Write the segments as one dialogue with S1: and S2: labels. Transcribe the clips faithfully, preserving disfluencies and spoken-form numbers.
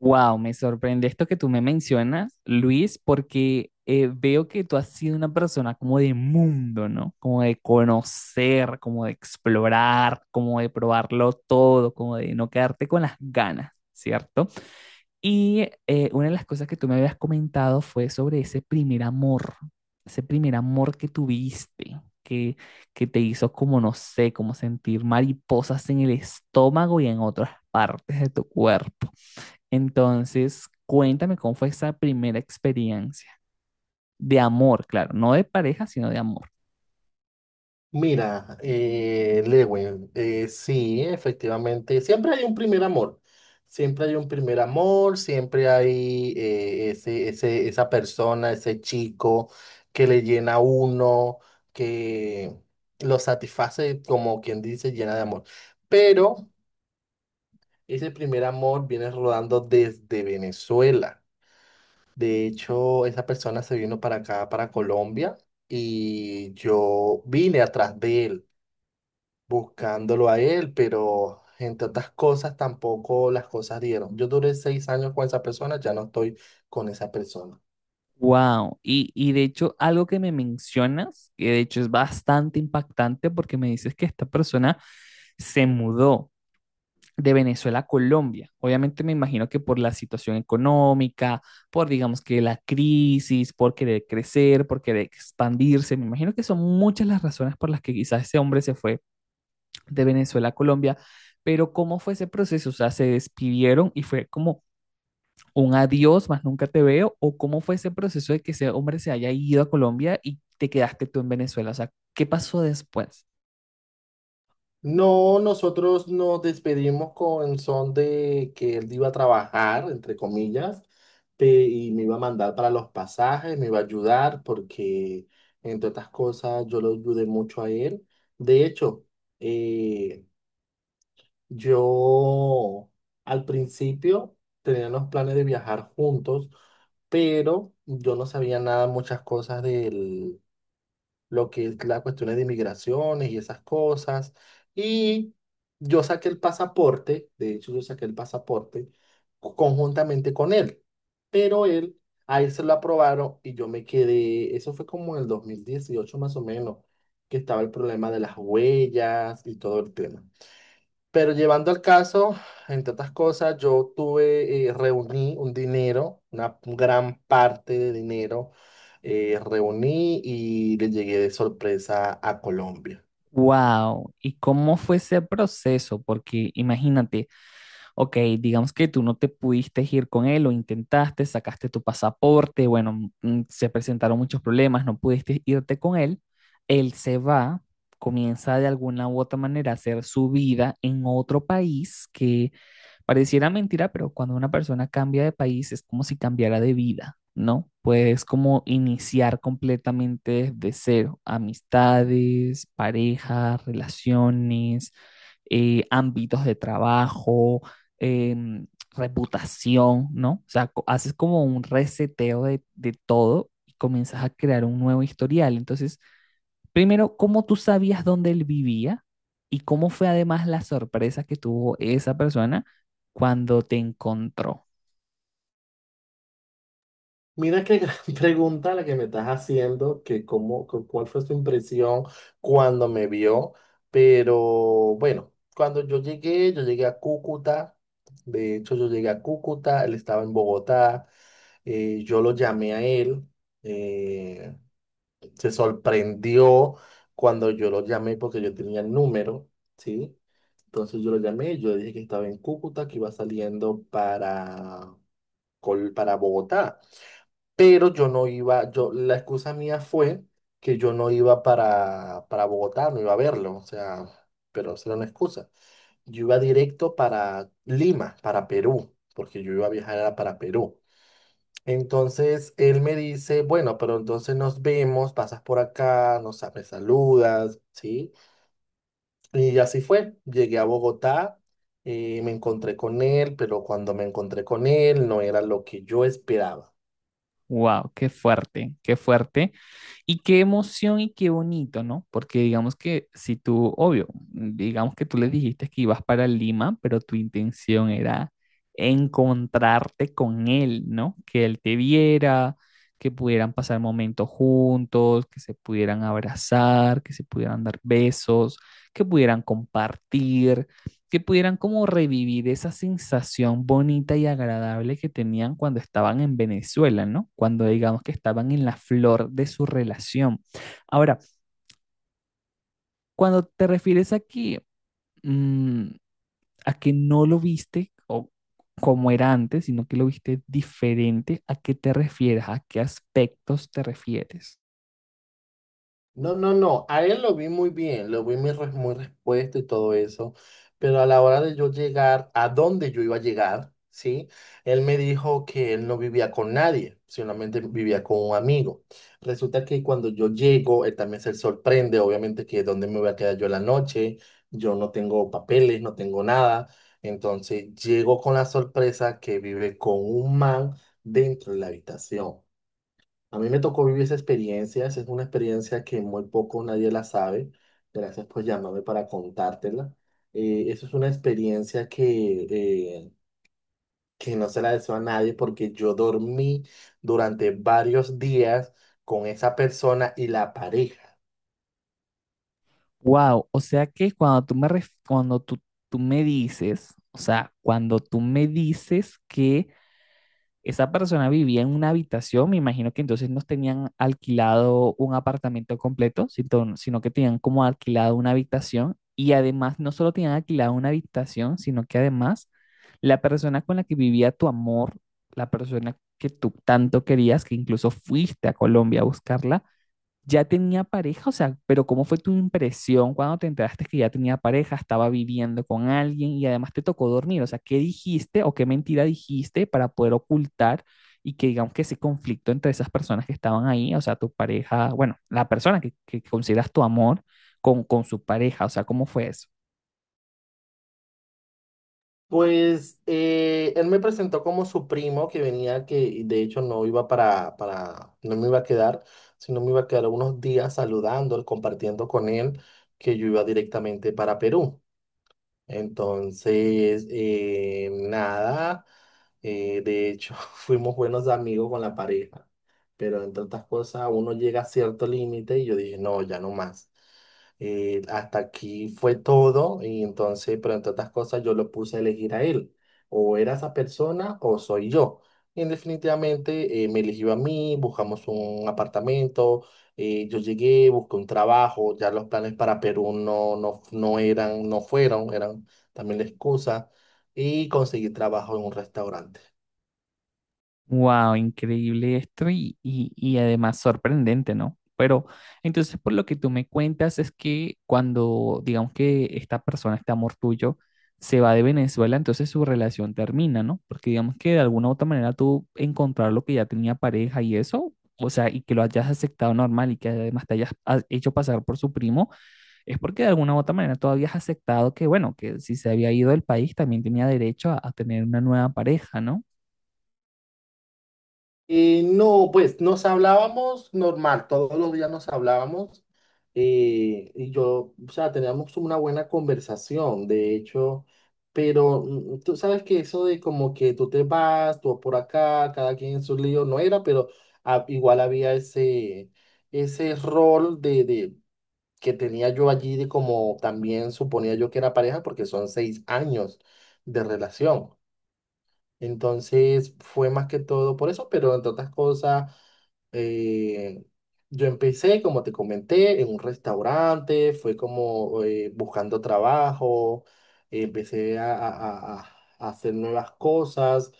S1: Wow, me sorprende esto que tú me mencionas, Luis, porque eh, veo que tú has sido una persona como de mundo, ¿no? Como de conocer, como de explorar, como de probarlo todo, como de no quedarte con las ganas, ¿cierto? Y eh, una de las cosas que tú me habías comentado fue sobre ese primer amor, ese primer amor que tuviste, que, que te hizo como, no sé, como sentir mariposas en el estómago y en otras partes de tu cuerpo. Entonces, cuéntame cómo fue esa primera experiencia de amor, claro, no de pareja, sino de amor.
S2: Mira, eh, Lewin, eh, sí, efectivamente, siempre hay un primer amor, siempre hay un primer amor, siempre hay eh, ese, ese, esa persona, ese chico que le llena a uno, que lo satisface, como quien dice, llena de amor. Pero ese primer amor viene rodando desde Venezuela. De hecho, esa persona se vino para acá, para Colombia, y yo vine atrás de él buscándolo a él, pero entre otras cosas tampoco las cosas dieron. Yo duré seis años con esa persona, ya no estoy con esa persona.
S1: Wow, y, y de hecho algo que me mencionas, que de hecho es bastante impactante porque me dices que esta persona se mudó de Venezuela a Colombia. Obviamente me imagino que por la situación económica, por digamos que la crisis, por querer crecer, por querer expandirse, me imagino que son muchas las razones por las que quizás ese hombre se fue de Venezuela a Colombia, pero ¿cómo fue ese proceso? O sea, ¿se despidieron y fue como un adiós, más nunca te veo? ¿O cómo fue ese proceso de que ese hombre se haya ido a Colombia y te quedaste tú en Venezuela? O sea, ¿qué pasó después?
S2: No, nosotros nos despedimos con son de que él iba a trabajar, entre comillas, pe- y me iba a mandar para los pasajes, me iba a ayudar porque, entre otras cosas, yo lo ayudé mucho a él. De hecho, eh, yo al principio tenía los planes de viajar juntos, pero yo no sabía nada, muchas cosas de lo que es la cuestiones de inmigraciones y esas cosas. Y yo saqué el pasaporte, de hecho yo saqué el pasaporte co- conjuntamente con él, pero él, a él se lo aprobaron y yo me quedé, eso fue como en el dos mil dieciocho más o menos, que estaba el problema de las huellas y todo el tema. Pero llevando al caso, entre otras cosas, yo tuve, eh, reuní un dinero, una gran parte de dinero, eh, reuní y le llegué de sorpresa a Colombia.
S1: Wow, ¿y cómo fue ese proceso? Porque imagínate, ok, digamos que tú no te pudiste ir con él o intentaste, sacaste tu pasaporte, bueno, mm, mm, se presentaron muchos problemas, no pudiste irte con él, él se va, comienza de alguna u otra manera a hacer su vida en otro país que pareciera mentira, pero cuando una persona cambia de país es como si cambiara de vida, ¿no? Puedes como iniciar completamente desde cero, amistades, parejas, relaciones, eh, ámbitos de trabajo, em, reputación, ¿no? O sea, co- haces como un reseteo de, de todo y comienzas a crear un nuevo historial. Entonces, primero, ¿cómo tú sabías dónde él vivía? ¿Y cómo fue además la sorpresa que tuvo esa persona cuando te encontró?
S2: Mira qué gran pregunta la que me estás haciendo, que cómo, cu- cuál fue su impresión cuando me vio, pero bueno, cuando yo llegué, yo llegué a Cúcuta, de hecho yo llegué a Cúcuta, él estaba en Bogotá, eh, yo lo llamé a él. eh, Se sorprendió cuando yo lo llamé porque yo tenía el número, ¿sí? Entonces yo lo llamé, yo le dije que estaba en Cúcuta, que iba saliendo para, Col- para Bogotá, pero yo no iba, yo, la excusa mía fue que yo no iba para, para Bogotá, no iba a verlo, o sea, pero esa era una excusa. Yo iba directo para Lima, para Perú, porque yo iba a viajar era para Perú. Entonces él me dice, bueno, pero entonces nos vemos, pasas por acá, nos, me saludas, ¿sí? Y así fue. Llegué a Bogotá, eh, me encontré con él, pero cuando me encontré con él no era lo que yo esperaba.
S1: Wow, qué fuerte, qué fuerte. Y qué emoción y qué bonito, ¿no? Porque digamos que si tú, obvio, digamos que tú le dijiste que ibas para Lima, pero tu intención era encontrarte con él, ¿no? Que él te viera, que pudieran pasar momentos juntos, que se pudieran abrazar, que se pudieran dar besos, que pudieran compartir, que pudieran como revivir esa sensación bonita y agradable que tenían cuando estaban en Venezuela, ¿no? Cuando digamos que estaban en la flor de su relación. Ahora, cuando te refieres aquí, mmm, a que no lo viste o como era antes, sino que lo viste diferente, ¿a qué te refieres? ¿A qué aspectos te refieres?
S2: No, no, no, a él lo vi muy bien, lo vi muy, res- muy respuesto y todo eso, pero a la hora de yo llegar a dónde yo iba a llegar, ¿sí? Él me dijo que él no vivía con nadie, solamente vivía con un amigo. Resulta que cuando yo llego, él también se sorprende, obviamente que dónde me voy a quedar yo la noche, yo no tengo papeles, no tengo nada, entonces llego con la sorpresa que vive con un man dentro de la habitación. A mí me tocó vivir esa experiencia, esa es una experiencia que muy poco nadie la sabe. Gracias por llamarme para contártela. Eh, eso es una experiencia que, eh, que no se la deseo a nadie porque yo dormí durante varios días con esa persona y la pareja.
S1: Wow, o sea que cuando tú me ref- cuando tú, tú me dices, o sea, cuando tú me dices que esa persona vivía en una habitación, me imagino que entonces no tenían alquilado un apartamento completo, sino sino que tenían como alquilado una habitación y además no solo tenían alquilado una habitación, sino que además la persona con la que vivía tu amor, la persona que tú tanto querías, que incluso fuiste a Colombia a buscarla, ¿ya tenía pareja? O sea, pero ¿cómo fue tu impresión cuando te enteraste que ya tenía pareja, estaba viviendo con alguien y además te tocó dormir? O sea, ¿qué dijiste o qué mentira dijiste para poder ocultar y que digamos que ese conflicto entre esas personas que estaban ahí, o sea, tu pareja, bueno, la persona que, que consideras tu amor con, con su pareja, o sea, ¿cómo fue eso?
S2: Pues eh, él me presentó como su primo que venía, que de hecho no iba para, para, no me iba a quedar, sino me iba a quedar unos días saludando, compartiendo con él, que yo iba directamente para Perú. Entonces, eh, nada, eh, de hecho, fuimos buenos amigos con la pareja, pero entre otras cosas, uno llega a cierto límite y yo dije, no, ya no más. Eh, hasta aquí fue todo y entonces, pero entre otras cosas, yo lo puse a elegir a él. O era esa persona o soy yo. Y definitivamente eh, me eligió a mí, buscamos un apartamento, eh, yo llegué, busqué un trabajo, ya los planes para Perú no, no, no eran, no fueron, eran también la excusa, y conseguí trabajo en un restaurante.
S1: Wow, increíble esto y, y- y además sorprendente, ¿no? Pero entonces por lo que tú me cuentas es que cuando digamos que esta persona, este amor tuyo, se va de Venezuela, entonces su relación termina, ¿no? Porque digamos que de alguna u otra manera tú encontrar lo que ya tenía pareja y eso, o sea, y que lo hayas aceptado normal y que además te hayas ha- hecho pasar por su primo, es porque de alguna u otra manera tú habías aceptado que, bueno, que si se había ido del país también tenía derecho a a tener una nueva pareja, ¿no?
S2: Eh, no, pues nos hablábamos normal, todos los días nos hablábamos, eh, y yo, o sea, teníamos una buena conversación, de hecho, pero mm, tú sabes que eso de como que tú te vas, tú por acá, cada quien en su lío, no era, pero ah, igual había ese ese rol de, de, que tenía yo allí de como también suponía yo que era pareja porque son seis años de relación. Entonces fue más que todo por eso, pero entre otras cosas, eh, yo empecé, como te comenté, en un restaurante, fue como eh, buscando trabajo, empecé a, a- a- a hacer nuevas cosas,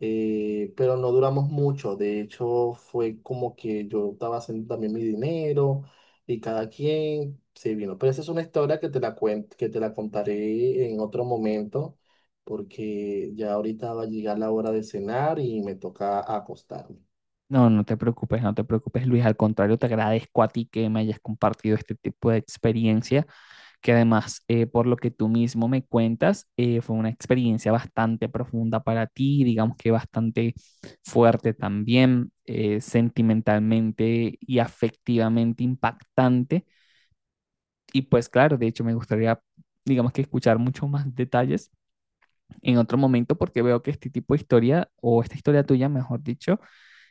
S2: eh, pero no duramos mucho. De hecho, fue como que yo estaba haciendo también mi dinero y cada quien se vino. Pero esa es una historia que te la cuen- que te la contaré en otro momento porque ya ahorita va a llegar la hora de cenar y me toca acostarme.
S1: No, no te preocupes, no te preocupes, Luis. Al contrario, te agradezco a ti que me hayas compartido este tipo de experiencia, que además, eh, por lo que tú mismo me cuentas, eh, fue una experiencia bastante profunda para ti, digamos que bastante fuerte también, eh, sentimentalmente y afectivamente impactante. Y pues claro, de hecho, me gustaría digamos que escuchar muchos más detalles en otro momento porque veo que este tipo de historia o esta historia tuya, mejor dicho,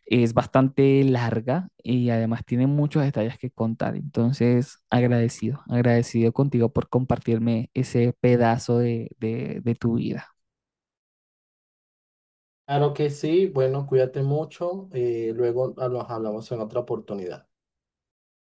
S1: es bastante larga y además tiene muchos detalles que contar. Entonces, agradecido, agradecido contigo por compartirme ese pedazo de, de de tu vida.
S2: Claro que sí, bueno, cuídate mucho, eh, luego ah, nos hablamos en otra oportunidad.